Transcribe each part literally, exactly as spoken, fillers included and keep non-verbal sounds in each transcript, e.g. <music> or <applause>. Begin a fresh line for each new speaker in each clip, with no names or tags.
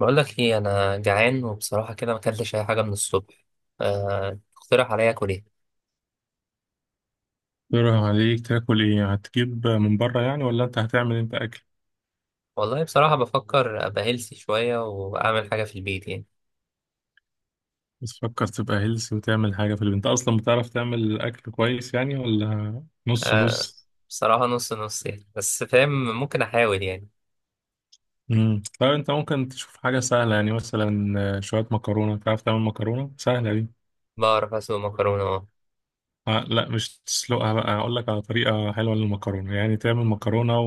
بقول لك ايه، انا جعان وبصراحه كده ما اكلتش اي حاجه من الصبح. أه، تقترح عليا اكل ايه؟
يروح عليك تاكل ايه؟ هتجيب من بره يعني ولا انت هتعمل انت اكل؟
والله بصراحه بفكر ابقى هيلثي شويه واعمل حاجه في البيت يعني.
بس فكر تبقى هيلثي وتعمل حاجه في البيت. انت اصلا بتعرف تعمل اكل كويس يعني ولا نص
أه.
نص؟
بصراحه نص نص يعني، بس فاهم. ممكن احاول يعني.
امم طيب انت ممكن تشوف حاجه سهله، يعني مثلا آه، شويه مكرونه. تعرف تعمل مكرونه سهله دي؟
بعرف اسوي مكرونه، اه.
آه، لا، مش تسلقها بقى. اقول لك على طريقه حلوه للمكرونه، يعني تعمل مكرونه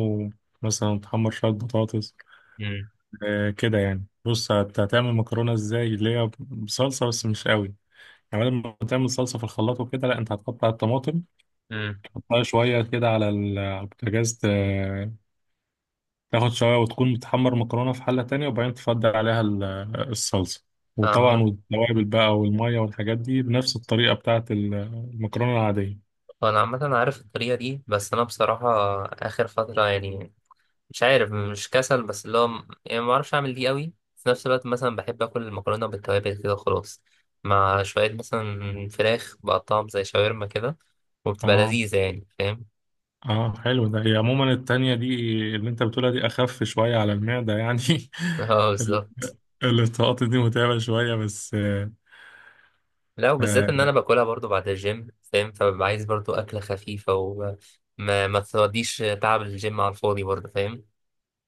ومثلا تحمر شويه بطاطس.
امم
آه كده يعني، بص، هت- هتعمل مكرونه ازاي اللي هي بصلصه بس مش قوي. كمان لما تعمل صلصة في الخلاط وكده، لا، انت هتقطع الطماطم،
امم
تحطها شوية كده على ال- على البوتاجاز، ت- تاخد شوية، وتكون بتحمر مكرونة في حلة تانية، وبعدين تفضل عليها ال- الصلصة. وطبعا
عم-
والتوابل بقى والمية والحاجات دي بنفس الطريقة بتاعت ال- المكرونة العادية.
انا عامه عارف الطريقه دي، بس انا بصراحه اخر فتره يعني مش عارف، مش كسل، بس اللي هو م- يعني ما بعرفش اعمل دي قوي في نفس الوقت. مثلا بحب اكل المكرونه بالتوابل كده خلاص، مع شويه مثلا فراخ بقطعهم زي شاورما كده، وبتبقى
اه،
لذيذه يعني، فاهم؟
اه، حلو ده. هي عموما التانية دي، اللي انت بتقولها دي، اخف شوية على المعدة يعني.
<laughs> اه،
<laughs>
بالظبط.
ال- الطاقات دي متعبة شوية، بس آه،
لا، وبالذات
آه،
ان انا باكلها برضو بعد الجيم، فاهم؟ فببقى عايز برضو اكله خفيفه، وما ما ما توديش تعب الجيم على الفاضي برضو، فاهم؟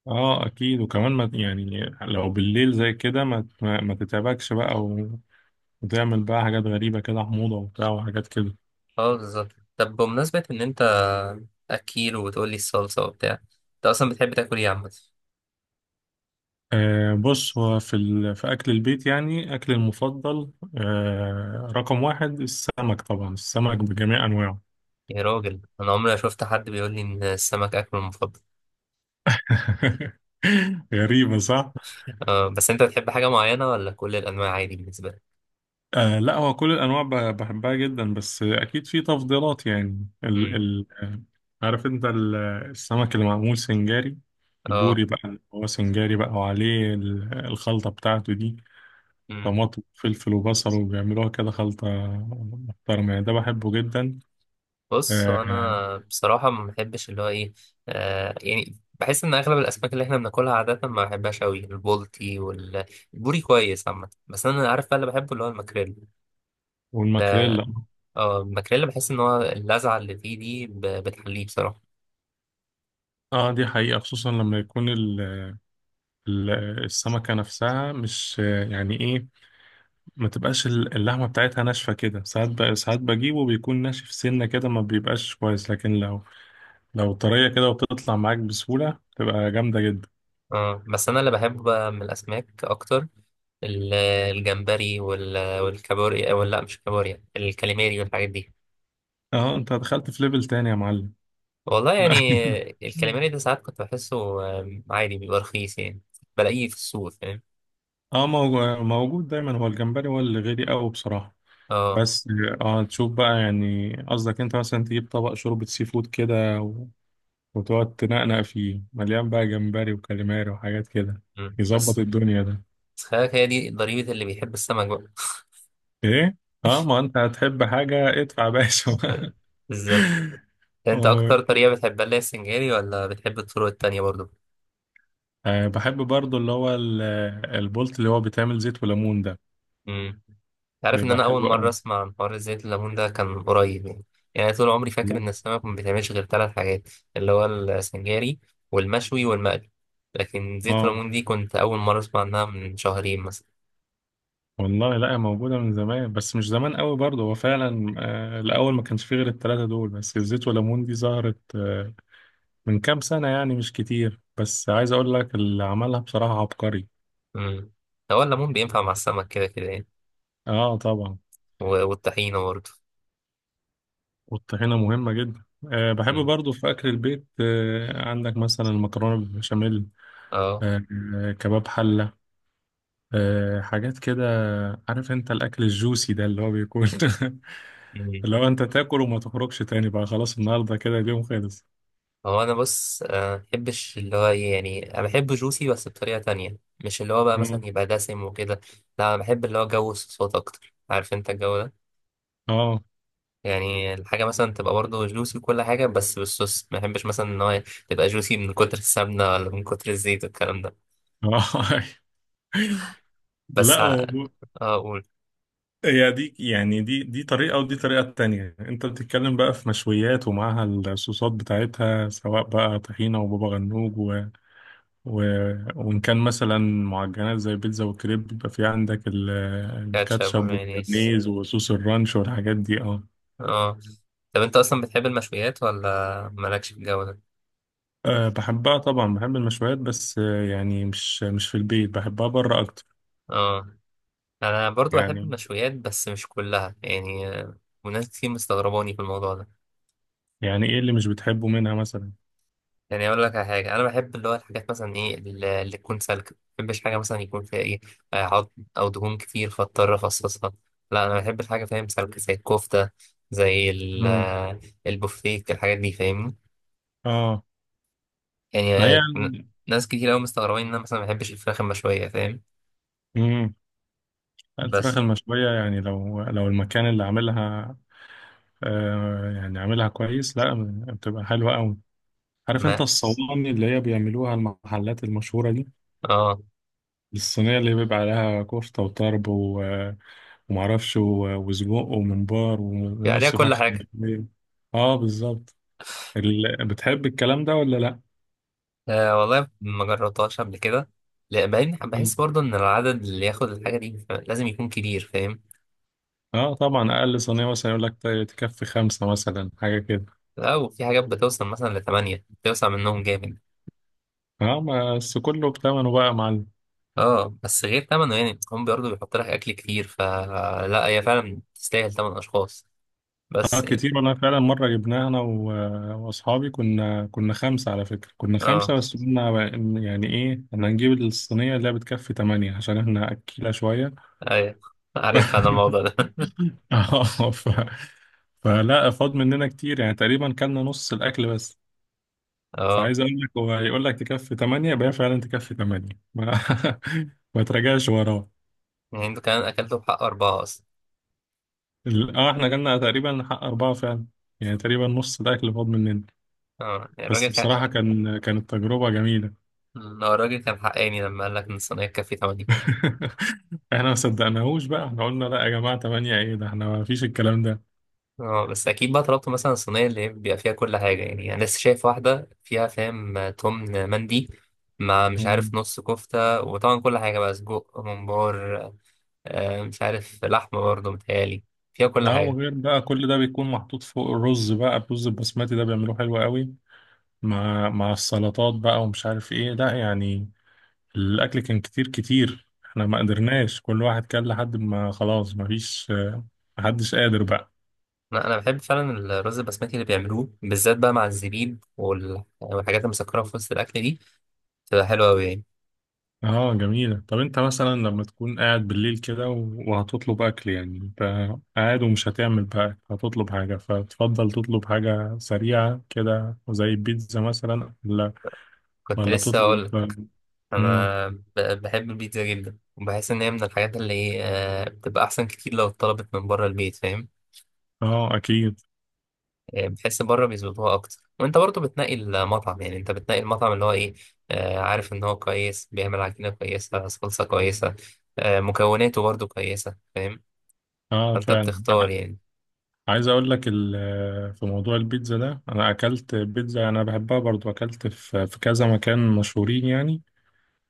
اه اكيد. وكمان ما يعني لو بالليل زي كده ما ما ما تتعبكش بقى و- وتعمل بقى حاجات غريبة كده، حموضة وبتاع وحاجات كده.
اه بالظبط. طب بمناسبه ان انت اكيل وبتقولي الصلصه وبتاع، انت اصلا بتحب تاكل ايه عامه؟
آه، بص، هو في ال... في اكل البيت يعني، اكل المفضل، آه، رقم واحد السمك، طبعا السمك بجميع انواعه.
يا راجل، انا عمري ما شفت حد بيقول لي ان السمك اكله المفضل.
<laughs> غريبة، صح؟
آه، بس انت بتحب حاجه معينه ولا كل الانواع عادي بالنسبه لك؟
آه، لا، هو كل الانواع ب- بحبها جدا، بس اكيد في تفضيلات يعني ال
امم.
ال آه، عارف انت ال- السمك اللي معمول سنجاري،
اه.
البوري بقى اللي هو سنجاري بقى، وعليه ال- الخلطة بتاعته دي،
امم.
طماطم وفلفل وبصل وبيعملوها كده خلطة محترمة يعني. ده بحبه جدا.
بص،
آه،
انا بصراحه ما بحبش اللي هو ايه، آه، يعني بحس ان اغلب الاسماك اللي احنا بناكلها عاده ما بحبهاش قوي. البولتي والبوري كويس عامه، بس انا عارف بقى اللي بحبه اللي هو الماكريل. ده.
والماكريلا.
اه، الماكريل، بحس ان هو اللذعه اللي فيه دي ب- بتحليه بصراحه.
اه، دي حقيقة، خصوصا لما يكون ال- ال- السمكة نفسها مش آه، يعني ايه، ما تبقاش ال- اللحمة بتاعتها ناشفة كده ساعات. ب... ساعات بجيبه بيكون ناشف سنة كده، ما بيبقاش كويس. لكن لو لو طرية كده وبتطلع معاك بسهولة، تبقى جامدة جدا.
اه، بس انا اللي بحبه بقى من الاسماك اكتر ال- الجمبري وال- والكابوريا، ولا لا، مش الكابوريا، الكاليماري والحاجات دي.
اه، انت دخلت في ليفل تاني يا معلم.
والله
احنا
يعني.
<laughs>
الكاليماري ده ساعات كنت بحسه آم، عادي، بيبقى رخيص يعني، بلاقيه في السوق، فاهم؟
اه، موجو- موجود دايما. هو الجمبري هو اللي غالي قوي بصراحة،
اه.
بس اه، تشوف بقى يعني، قصدك انت مثلا تجيب طبق شوربة سي فود كده و... وتقعد تنقنق فيه مليان بقى، جمبري وكاليماري وحاجات كده،
مم.
يظبط
بس.
الدنيا ده.
بس خلي بالك، هي دي ضريبة اللي بيحب السمك بقى.
ايه، اه ما انت هتحب حاجة، ادفع يا باشا <laughs>
<laughs> بالظبط. انت
و-
اكتر طريقة بتحبها اللي هي السنجاري، ولا بتحب الطرق التانية برضه؟
آه، بحب برضو اللي هو ال- البولت اللي هو بيتعمل زيت وليمون ده،
امم. عارف ان
بيبقى
انا اول
حلو
مره
قوي.
اسمع عن حوار زيت الليمون ده كان قريب يعني. يعني طول عمري فاكر
لا.
ان السمك ما بيتعملش غير ثلاث حاجات، اللي هو السنجاري والمشوي والمقلي. لكن زيت
اه
الليمون دي كنت اول مره اسمع عنها من شهرين مثلا.
والله، لا، موجودة من زمان بس مش زمان قوي برضو. هو فعلا آه الأول ما كانش فيه غير التلاتة دول، بس الزيت وليمون دي ظهرت آه من كام سنة يعني، مش كتير. بس عايز أقول لك، اللي عملها بصراحة عبقري.
امم. هو الليمون بينفع مع السمك كده كده يعني؟
اه طبعا.
و- والطحينه برضه.
والطحينة مهمة جدا. أه، بحب
امم.
برضو في أكل البيت. أه، عندك مثلا المكرونة بالبشاميل،
اه.
أه، آه، كباب حلة، أه، حاجات كده. عارف أنت الأكل الجوسي ده، اللي هو بيكون <laughs>
امم.
اللي هو أنت تاكل وما تخرجش تاني بقى، خلاص النهاردة كده، اليوم خلص.
هو انا بص، آه، بحبش اللي هو ايه، يعني انا بحب جوسي بس بطريقه تانية، مش اللي هو بقى مثلا
مم.
يبقى دسم وكده. لا، انا بحب اللي هو جو الصوصات اكتر، عارف انت الجو ده؟
اه،
يعني الحاجة مثلا تبقى برضه جوسي وكل حاجة بس بالصوص، ما بحبش مثلا إن هو تبقى جوسي من كتر السمنة ولا من كتر الزيت والكلام ده.
اه، <laughs>
بس
لا،
ع-
هو
اه، قول.
هي دي يعني، دي دي طريقة ودي طريقة تانية. أنت بتتكلم بقى في مشويات ومعاها الصوصات بتاعتها، سواء بقى طحينة وبابا غنوج و... وإن كان مثلا معجنات زي بيتزا وكريب، بيبقى في عندك ال...
كاتشب
الكاتشب
ومايونيز.
والمايونيز وصوص الرانش والحاجات دي. اه،
اه. طب انت اصلا بتحب المشويات ولا مالكش في الجو ده؟
آه، بحبها طبعا، بحب المشويات، بس آه، يعني مش مش في البيت بحبها، بره أكتر.
اه، انا برضو بحب
يعني،
المشويات بس مش كلها يعني، آه، وناس كتير مستغرباني في الموضوع ده.
يعني إيه اللي مش بتحبه منها مثلا؟
يعني اقول لك على حاجه، انا بحب اللي هو الحاجات مثلا ايه، اللي اللي تكون سالكه. ما بحبش حاجه مثلا يكون فيها ايه، آه، عظم او دهون كتير فاضطر افصصها. لا، انا بحب الحاجه، فاهم، سالكه زي الكفته، زي ال-
مم.
آه، البوفتيك، الحاجات دي فاهمني.
اه،
يعني
ما هي
آه، ن-
يعني.
ناس كتير قوي مستغربين ان انا مثلا ما بحبش الفراخ المشويه، فاهم؟
مم. الفراخ
بس
المشوية، يعني لو لو المكان اللي عاملها آه يعني عاملها كويس، لا، بتبقى حلوة أوي. عارف انت
ما
الصواني اللي هي بيعملوها المحلات المشهورة دي،
اه،
الصينية اللي بيبقى عليها كفتة وطرب و... ومعرفش و- وسجق وممبار و-
في عليها
ونص
كل
فرخة
حاجه.
مقلية. اه، بالظبط. ال... بتحب الكلام ده ولا لا؟
آه والله ما جربتهاش قبل كده. لا، بعدين بحس
مم.
برضه ان العدد اللي ياخد الحاجه دي لازم يكون كبير، فاهم؟
اه، طبعا أقل صينية مثلا يقول لك ت- تكفي خمسة مثلا، حاجة كده.
لا، وفي حاجات بتوصل مثلا لثمانية بتوسع منهم جامد.
اه، ما- بس كله بتمنه بقى يا معلم.
اه، بس غير ثمنه يعني، هم برضه بيحط لك أكل كتير، فلا هي فعلا تستاهل ثمن أشخاص،
اه
بس يعني.
كتير. وانا فعلا مرة جبناها، انا و... واصحابي، كنا كنا خمسة على فكرة، كنا
اه.
خمسة بس قلنا بقى إن- يعني ايه، احنا هنجيب الصينية اللي هي بتكفي تمانية عشان احنا أكيلة شوية.
أيوة. عارف أنا
<laughs>
الموضوع ده.
<laughs> اه ف... فلا فاض مننا كتير، يعني تقريبا كلنا نص الاكل بس.
<laughs> اه،
فعايز اقول لك، هو هيقول لك تكفي تمانية، يبقى هي فعلا تكفي تمانية، ما, <laughs> ما تراجعش وراه.
يعني انتوا كمان أكلتوا بحق أربعة أصلا.
ال- اه، احنا جالنا تقريبا حق اربعه فعلا، يعني تقريبا نص الاكل فاض مننا.
اه يعني الراجل
بس
كان،
بصراحه، كان كانت تجربه جميله.
آه، الراجل كان حقاني لما قال لك إن الصينية تكفي تمانية.
<laughs> احنا ما صدقناهوش بقى، احنا قلنا لا يا جماعه، تمانية ايه ده، احنا ما فيش الكلام ده.
اه، بس اكيد بقى طلبت مثلا الصينيه اللي هي بيبقى فيها كل حاجه يعني. انا لسه شايف واحده فيها، فاهم، تمن مندي، مع مش عارف
مم.
نص كفته، وطبعا كل حاجه بقى، سجق، ممبار، آه، مش عارف لحمه برضه متهيألي، فيها كل
اه
حاجه.
وغير بقى كل ده بيكون محطوط فوق الرز، بقى الرز البسمتي ده بيعملوه حلو قوي، مع مع السلطات بقى ومش عارف ايه، لا يعني الاكل كان كتير كتير، احنا ما قدرناش، كل واحد كان لحد ما خلاص، ما فيش، محدش قادر بقى.
انا أنا بحب فعلا الرز البسمتي اللي بيعملوه، بالذات بقى مع الزبيب وال- والحاجات المسكره في وسط الاكل دي، بتبقى حلوه قوي يعني.
اه، جميلة. طب انت مثلا لما تكون قاعد بالليل كده و- وهتطلب اكل يعني، انت قاعد ومش هتعمل بقى أكل، هتطلب حاجة، فتفضل تطلب حاجة سريعة كده زي البيتزا مثلا، ولا
كنت
ولا
لسه اقول
تطلب؟
لك،
مم.
انا ب- بحب البيتزا جدا، وبحس ان هي من الحاجات اللي إيه، آه، بتبقى احسن كتير لو اتطلبت من بره البيت، فاهم؟
اه اكيد.
يعني بتحس بره بيظبطوها اكتر، وانت برضه بتنقي المطعم، يعني انت بتنقي المطعم اللي هو ايه، آه، عارف ان هو كويس، بيعمل عجينه كويسه، صلصه كويسه، آه مكوناته برضه كويسه، فاهم؟
اه
فانت
فعلا.
بتختار يعني.
عايز اقول لك ال- في موضوع البيتزا ده، انا اكلت بيتزا، انا بحبها برضو، اكلت في في كذا مكان مشهورين يعني،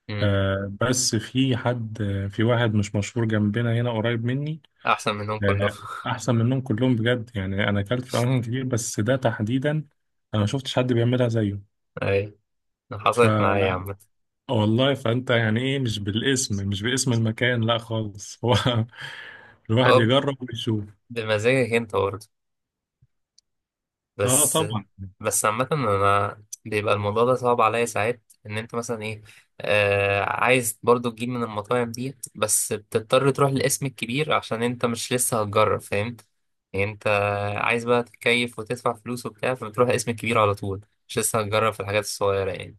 مم.
آه، بس في حد، في واحد مش مشهور جنبنا هنا قريب مني،
احسن منهم كلهم.
آه،
<laughs>
احسن منهم كلهم بجد يعني. انا اكلت في اماكن كتير بس ده تحديدا، انا ما شفتش حد بيعملها زيه.
اي،
ف
حصلت معايا يا
آه،
عم.
والله، فانت يعني ايه، مش بالاسم، مش باسم المكان، لا خالص. <laughs> هو الواحد
هو
يجرب ويشوف.
بمزاجك انت برضه.
اه
بس
طبعا.
بس عامة أنا بيبقى الموضوع ده صعب عليا ساعات، إن أنت مثلا إيه آه عايز برضو تجيب من المطاعم دي، بس بتضطر تروح للاسم الكبير عشان أنت مش لسه هتجرب، فاهم؟ يعني أنت عايز بقى تتكيف وتدفع فلوس وبتاع، فبتروح للاسم الكبير على طول، مش لسه هتجرب في الحاجات الصغيرة يعني.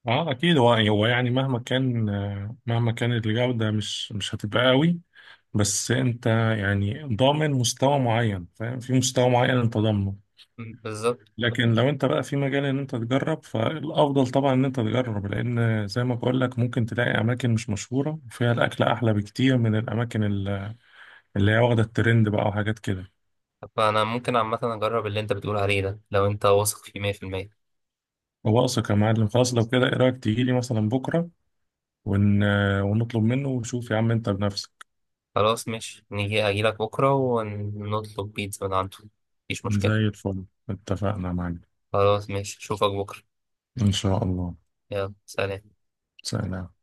اه اكيد. هو يعني، هو يعني مهما كان آه، مهما كانت الجودة، مش مش هتبقى قوي، بس انت يعني ضامن مستوى معين، فاهم؟ في مستوى معين انت ضامنه.
م، بالظبط.
لكن لو انت بقى في مجال ان انت تجرب، فالافضل طبعا ان انت تجرب، لان زي ما بقول لك، ممكن تلاقي اماكن مش مشهورة وفيها الاكل احلى بكتير من الاماكن ال- اللي هي واخدة الترند بقى وحاجات كده.
فأنا ممكن عامة أجرب اللي أنت بتقول عليه ده لو أنت واثق فيه مية في المية.
هو اثق يا معلم. خلاص لو كده، ايه رايك تيجي لي مثلا بكرة ون... ونطلب منه، وشوف يا عم انت بنفسك.
خلاص ماشي، نيجي أجيلك بكرة ونطلب بيتزا من عنده، مفيش
زي
مشكلة.
الفل. اتفقنا يا معلم.
خلاص ماشي، اشوفك بكرة.
إن شاء الله.
يلا، سلام.
سلام.